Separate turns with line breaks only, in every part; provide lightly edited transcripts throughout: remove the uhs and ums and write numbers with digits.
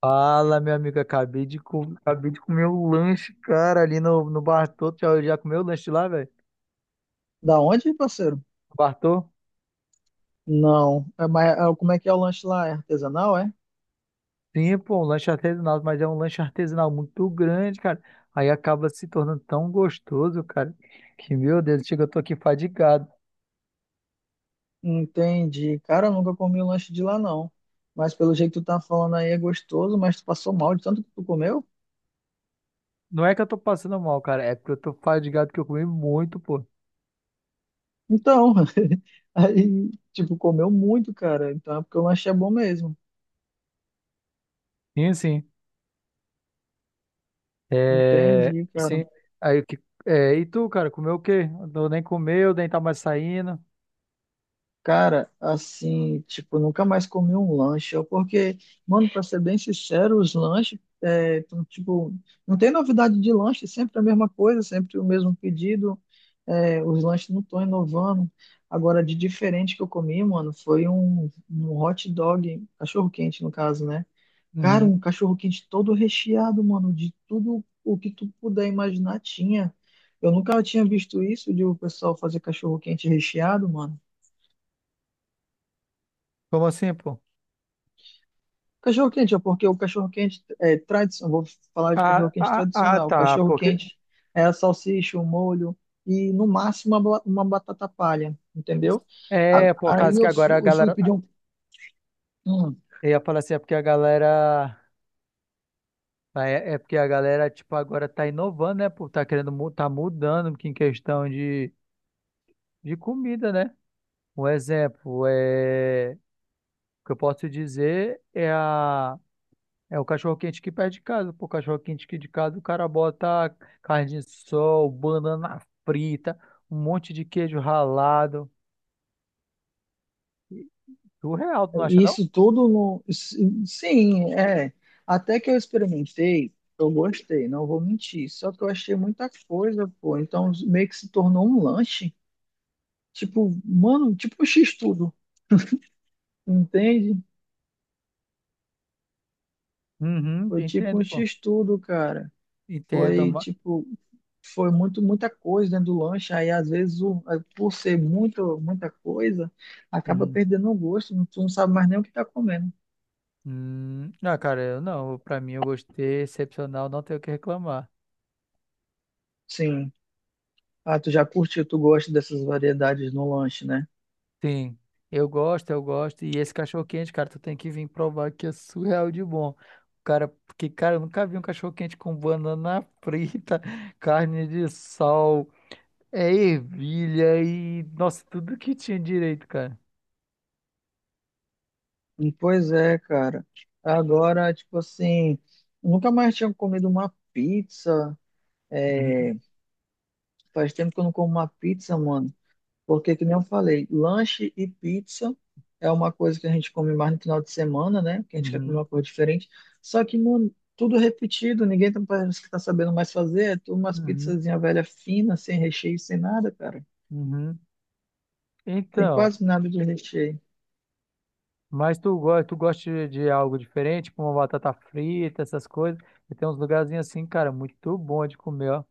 Fala, meu amigo, acabei de comer o lanche, cara, ali no Bartô. Tu já comeu o lanche lá, velho?
Da onde, parceiro?
Bartô?
Não. É, mas é, como é que é o lanche lá? É artesanal, é?
Sim, pô, um lanche artesanal, mas é um lanche artesanal muito grande, cara. Aí acaba se tornando tão gostoso, cara, que, meu Deus, chega, eu tô aqui fadigado.
Entendi. Cara, eu nunca comi um lanche de lá, não. Mas pelo jeito que tu tá falando aí é gostoso, mas tu passou mal de tanto que tu comeu?
Não é que eu tô passando mal, cara, é porque eu tô fadigado que eu comi muito, pô.
Então, aí, tipo, comeu muito, cara. Então é porque o lanche é bom mesmo.
Sim, sim. É,
Entendi, cara.
sim. Aí, e tu, cara, comeu o quê? Eu nem comeu, nem tá mais saindo.
Cara, assim, tipo, nunca mais comi um lanche, ó, porque, mano, pra ser bem sincero, os lanches, é, tão, tipo, não tem novidade de lanche, sempre a mesma coisa, sempre o mesmo pedido, é, os lanches não estão inovando. Agora, de diferente que eu comi, mano, foi um hot dog, cachorro-quente, no caso, né? Cara,
Uhum.
um cachorro-quente todo recheado, mano, de tudo o que tu puder imaginar tinha. Eu nunca tinha visto isso de o pessoal fazer cachorro-quente recheado, mano.
Como assim, pô?
Cachorro quente, ó, porque o cachorro quente é tradicional, vou falar de
Ah,
cachorro quente
ah, ah,
tradicional. O
tá.
cachorro
Porque
quente é a salsicha, o molho e no máximo uma, uma batata palha, entendeu?
é por
Aí
causa que agora a
eu fui
galera.
pedir um. hum,
Eu ia falar assim, é porque a galera. Ah, é porque a galera, tipo, agora tá inovando, né? Por tá mudando que em questão de comida, né? Um exemplo é. O que eu posso dizer é a. É o cachorro-quente que perto de casa. Pô, o cachorro-quente aqui de casa, o cara bota carne de sol, banana frita, um monte de queijo ralado. Surreal, tu não acha, não?
isso tudo no. si- Sim, é. Até que eu experimentei, eu gostei, não vou mentir. Só que eu achei muita coisa, pô. Então meio que se tornou um lanche. Tipo, mano, tipo um X-tudo, entende?
Uhum,
Foi tipo
entendo,
um
pô.
X-tudo, cara.
Entendo,
Foi tipo, foi muita coisa dentro do lanche. Aí às vezes, aí, por ser muita coisa, acaba
uhum.
perdendo o gosto. Tu não sabe mais nem o que tá comendo.
Ah, cara, eu não. Pra mim, eu gostei, excepcional, não tenho o que reclamar.
Sim. Ah, tu já curtiu, tu gosta dessas variedades no lanche, né?
Sim, eu gosto, eu gosto. E esse cachorro quente, cara, tu tem que vir provar que é surreal de bom. Cara, porque, cara, eu nunca vi um cachorro quente com banana frita, carne de sol, é ervilha e, nossa, tudo que tinha direito, cara.
Pois é, cara. Agora, tipo assim, nunca mais tinha comido uma pizza.
Uhum,
Faz tempo que eu não como uma pizza, mano. Porque, que nem eu falei, lanche e pizza é uma coisa que a gente come mais no final de semana, né? Que a gente quer comer
uhum,
uma coisa diferente. Só que, mano, tudo repetido, ninguém tá, parece que tá sabendo mais fazer. É tudo umas
uhum,
pizzazinha velha fina, sem recheio, sem nada, cara.
uhum.
Tem
Então.
quase nada de recheio.
Mas tu gosta de algo diferente, como uma batata frita, essas coisas. E tem uns lugarzinhos assim, cara, muito bom de comer, ó.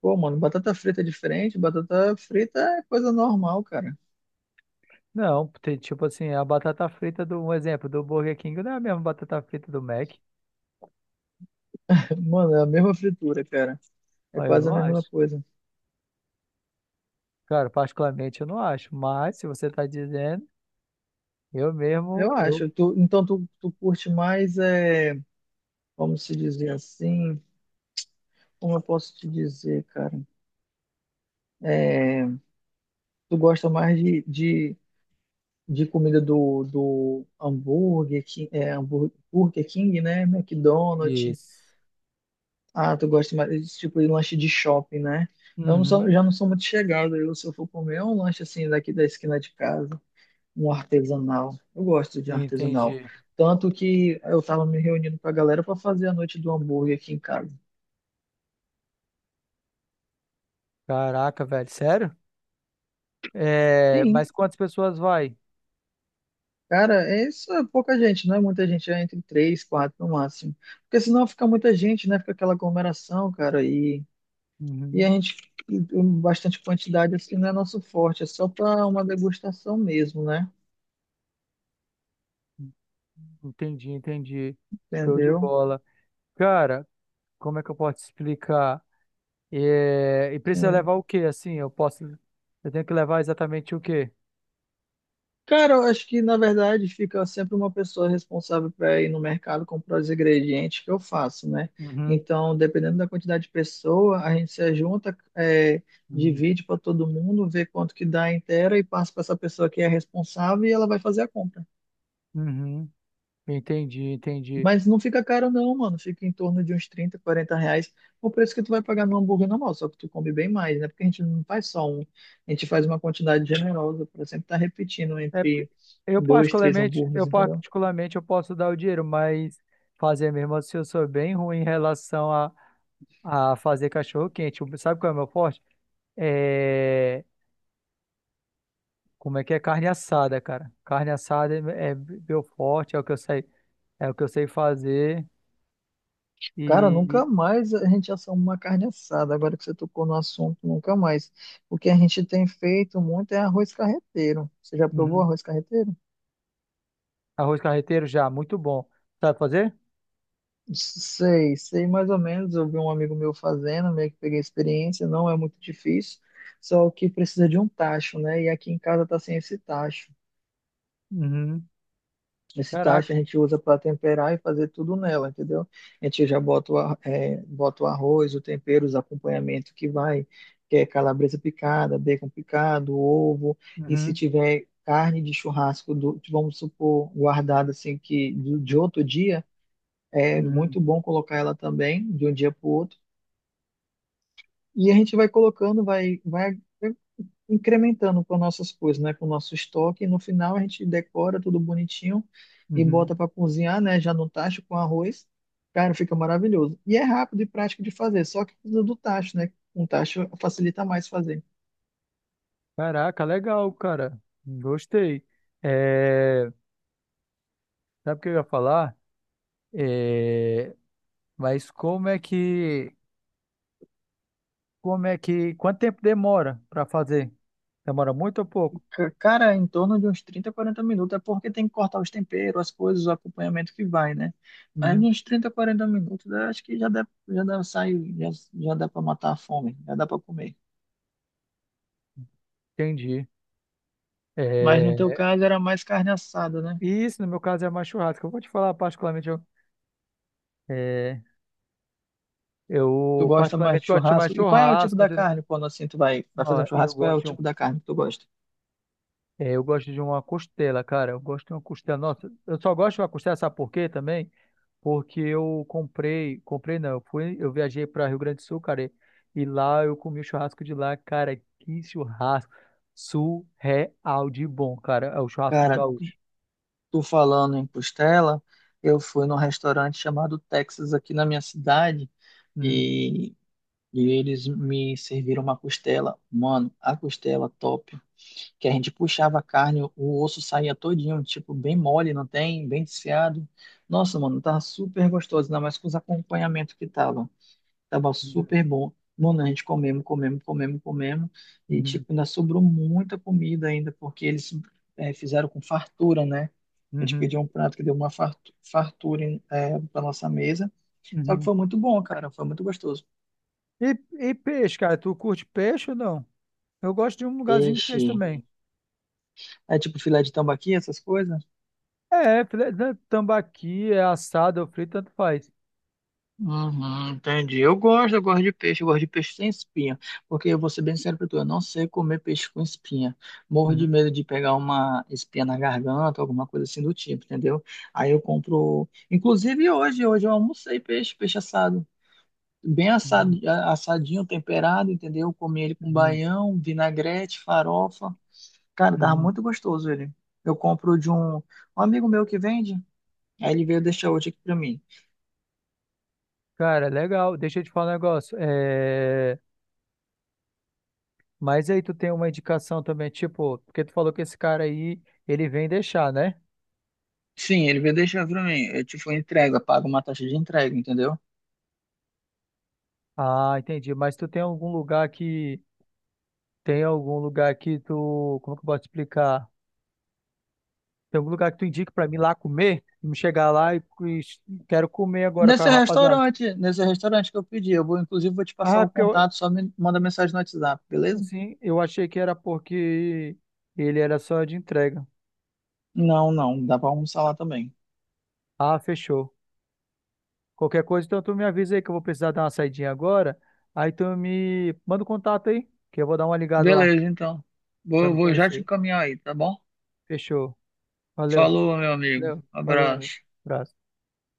Pô, mano, batata frita é diferente. Batata frita é coisa normal, cara.
Não, tem, tipo assim, a batata frita do, um exemplo, do Burger King não é a mesma batata frita do Mac.
Mano, é a mesma fritura, cara. É
Ó, eu
quase a
não
mesma
acho.
coisa.
Cara, particularmente eu não acho. Mas se você tá dizendo, eu
Eu
mesmo, eu.
acho. Então, tu curte mais, é, como se dizer assim? Como eu posso te dizer, cara? É, tu gosta mais de comida do hambúrguer, é, hambúrguer, Burger King, né? McDonald's.
Isso.
Ah, tu gosta mais desse tipo de lanche de shopping, né? Eu não sou,
Uhum,
já não sou muito chegado. Eu, se eu for comer, é um lanche assim daqui da esquina de casa, um artesanal. Eu gosto de artesanal.
entendi.
Tanto que eu tava me reunindo com a galera para fazer a noite do hambúrguer aqui em casa.
Caraca, velho, sério? É,
Sim.
mas quantas pessoas vai?
Cara, é isso é pouca gente, não é muita gente, é entre três, quatro no máximo. Porque senão fica muita gente, né? Fica aquela aglomeração, cara, e
Uhum,
a gente, e bastante quantidade, assim, não é nosso forte, é só para uma degustação mesmo, né?
entendi, entendi. Show de
Entendeu?
bola. Cara, como é que eu posso te explicar? É, e precisa
É.
levar o quê? Assim, eu posso, eu tenho que levar exatamente o quê?
Cara, eu acho que na verdade fica sempre uma pessoa responsável para ir no mercado comprar os ingredientes que eu faço, né?
Uhum,
Então, dependendo da quantidade de pessoa, a gente se junta, é,
uhum,
divide para todo mundo, vê quanto que dá inteira e passa para essa pessoa que é responsável e ela vai fazer a compra.
uhum. Entendi, entendi.
Mas não fica caro não, mano. Fica em torno de uns 30, 40 reais o preço que tu vai pagar no hambúrguer normal, só que tu come bem mais, né? Porque a gente não faz só um, a gente faz uma quantidade generosa para sempre estar repetindo
É, porque
entre
eu
dois, três
particularmente, eu
hambúrgueres, entendeu?
particularmente eu posso dar o dinheiro, mas fazer mesmo assim, eu sou bem ruim em relação a fazer cachorro quente. Sabe qual é o meu forte? É, como é que é carne assada, cara? Carne assada é meu forte, é o que eu sei, é o que eu sei fazer e,
Cara, nunca
e-
mais a gente assoma uma carne assada. Agora que você tocou no assunto, nunca mais. O que a gente tem feito muito é arroz carreteiro. Você já provou
Uhum.
arroz carreteiro?
Arroz carreteiro já, muito bom. Sabe fazer?
Sei, sei mais ou menos. Eu vi um amigo meu fazendo, meio que peguei a experiência. Não é muito difícil, só que precisa de um tacho, né? E aqui em casa tá sem esse tacho.
Uhum.
Esse tacho a
Caraca.
gente usa para temperar e fazer tudo nela, entendeu? A gente já bota bota o arroz, o tempero, os acompanhamentos que vai, que é calabresa picada, bacon picado, ovo, e se
Uhum.
tiver carne de churrasco, do, vamos supor, guardada assim, que de outro dia, é
Uhum.
muito bom colocar ela também, de um dia para o outro. E a gente vai colocando, vai incrementando com nossas coisas, né? Com o nosso estoque. E no final a gente decora tudo bonitinho e
Uhum.
bota para cozinhar, né? Já no tacho com arroz. Cara, fica maravilhoso. E é rápido e prático de fazer, só que precisa do tacho, né? Um tacho facilita mais fazer.
Caraca, legal, cara. Gostei. É, sabe o que eu ia falar? É, mas como é que. Como é que. Quanto tempo demora para fazer? Demora muito ou pouco?
Cara, em torno de uns 30, 40 minutos, é porque tem que cortar os temperos, as coisas, o acompanhamento que vai, né? Mas
Uhum.
uns 30, 40 minutos, eu acho que já dá, sai, já dá para matar a fome, já dá para comer.
Entendi.
Mas no teu
É,
caso era mais carne assada, né?
e isso, no meu caso, é mais churrasco. Eu vou te falar particularmente. É,
Tu
eu
gosta mais
particularmente
de
gosto de chamar
churrasco? E qual é o tipo
churrasco,
da
entendeu?
carne quando assim tu vai, vai
Ó,
fazer um
e eu
churrasco? Qual é
gosto
o
de um.
tipo da carne que tu gosta?
É, eu gosto de uma costela, cara. Eu gosto de uma costela. Nossa, eu só gosto de uma costela, sabe por quê também? Porque eu comprei, comprei não, eu fui, eu viajei para Rio Grande do Sul, cara, e lá eu comi o churrasco de lá, cara, que churrasco surreal de bom, cara. É o churrasco
Cara,
gaúcho.
tu falando em costela, eu fui num restaurante chamado Texas aqui na minha cidade
Uhum,
e, e eles me serviram uma costela. Mano, a costela top. Que a gente puxava a carne, o osso saía todinho, tipo, bem mole, não tem? Bem desfiado. Nossa, mano, tava super gostoso, ainda mais com os acompanhamentos que tava. Tava
uhum,
super bom. Mano, a gente comemos, comemos, comemos, comemos. E,
uhum,
tipo, ainda sobrou muita comida ainda, porque eles fizeram com fartura, né? A gente
uhum,
pediu um prato que deu uma fartura pra nossa mesa. Só que
uhum.
foi muito bom, cara. Foi muito gostoso.
E, e peixe, cara, tu curte peixe ou não? Eu gosto de um lugarzinho de peixe
Peixe.
também.
É tipo filé de tambaqui, essas coisas.
É, né, tambaqui, é assado, é frito, tanto faz.
Uhum, entendi. Eu gosto de peixe, eu gosto de peixe sem espinha. Porque eu vou ser bem sincero pra tu, eu não sei comer peixe com espinha. Morro de
Uhum,
medo de pegar uma espinha na garganta, alguma coisa assim do tipo, entendeu? Aí eu compro. Inclusive hoje, hoje eu almocei peixe, peixe assado. Bem assado,
uhum,
assadinho, temperado, entendeu? Comi ele com
uhum.
baião, vinagrete, farofa. Cara, tava
Uhum.
muito gostoso ele. Eu compro de um amigo meu que vende, aí ele veio deixar hoje aqui pra mim.
Cara, legal. Deixa eu te falar um negócio. Mas aí tu tem uma indicação também, tipo, porque tu falou que esse cara aí, ele vem deixar, né?
Sim, ele veio deixar pra mim. Eu, tipo, entrega, paga uma taxa de entrega, entendeu?
Ah, entendi. Mas tu tem algum lugar que tem algum lugar que tu, como que eu posso explicar? Tem algum lugar que tu indique pra mim lá comer? Me chegar lá e quero comer agora com a rapaziada.
Nesse restaurante que eu pedi, eu vou, inclusive, vou te passar
Ah,
o
porque eu,
contato, só me manda mensagem no WhatsApp, beleza?
assim, eu achei que era porque ele era só de entrega.
Não, não, dá pra almoçar lá também.
Ah, fechou. Qualquer coisa, então tu me avisa aí que eu vou precisar dar uma saidinha agora. Aí tu me manda o contato aí, que eu vou dar uma ligada lá
Beleza, então.
pra
Vou,
me
vou já te
conhecer.
encaminhar aí, tá bom?
Fechou. Valeu.
Falou, meu amigo.
Valeu. Valeu, amigo.
Abraço.
Abraço.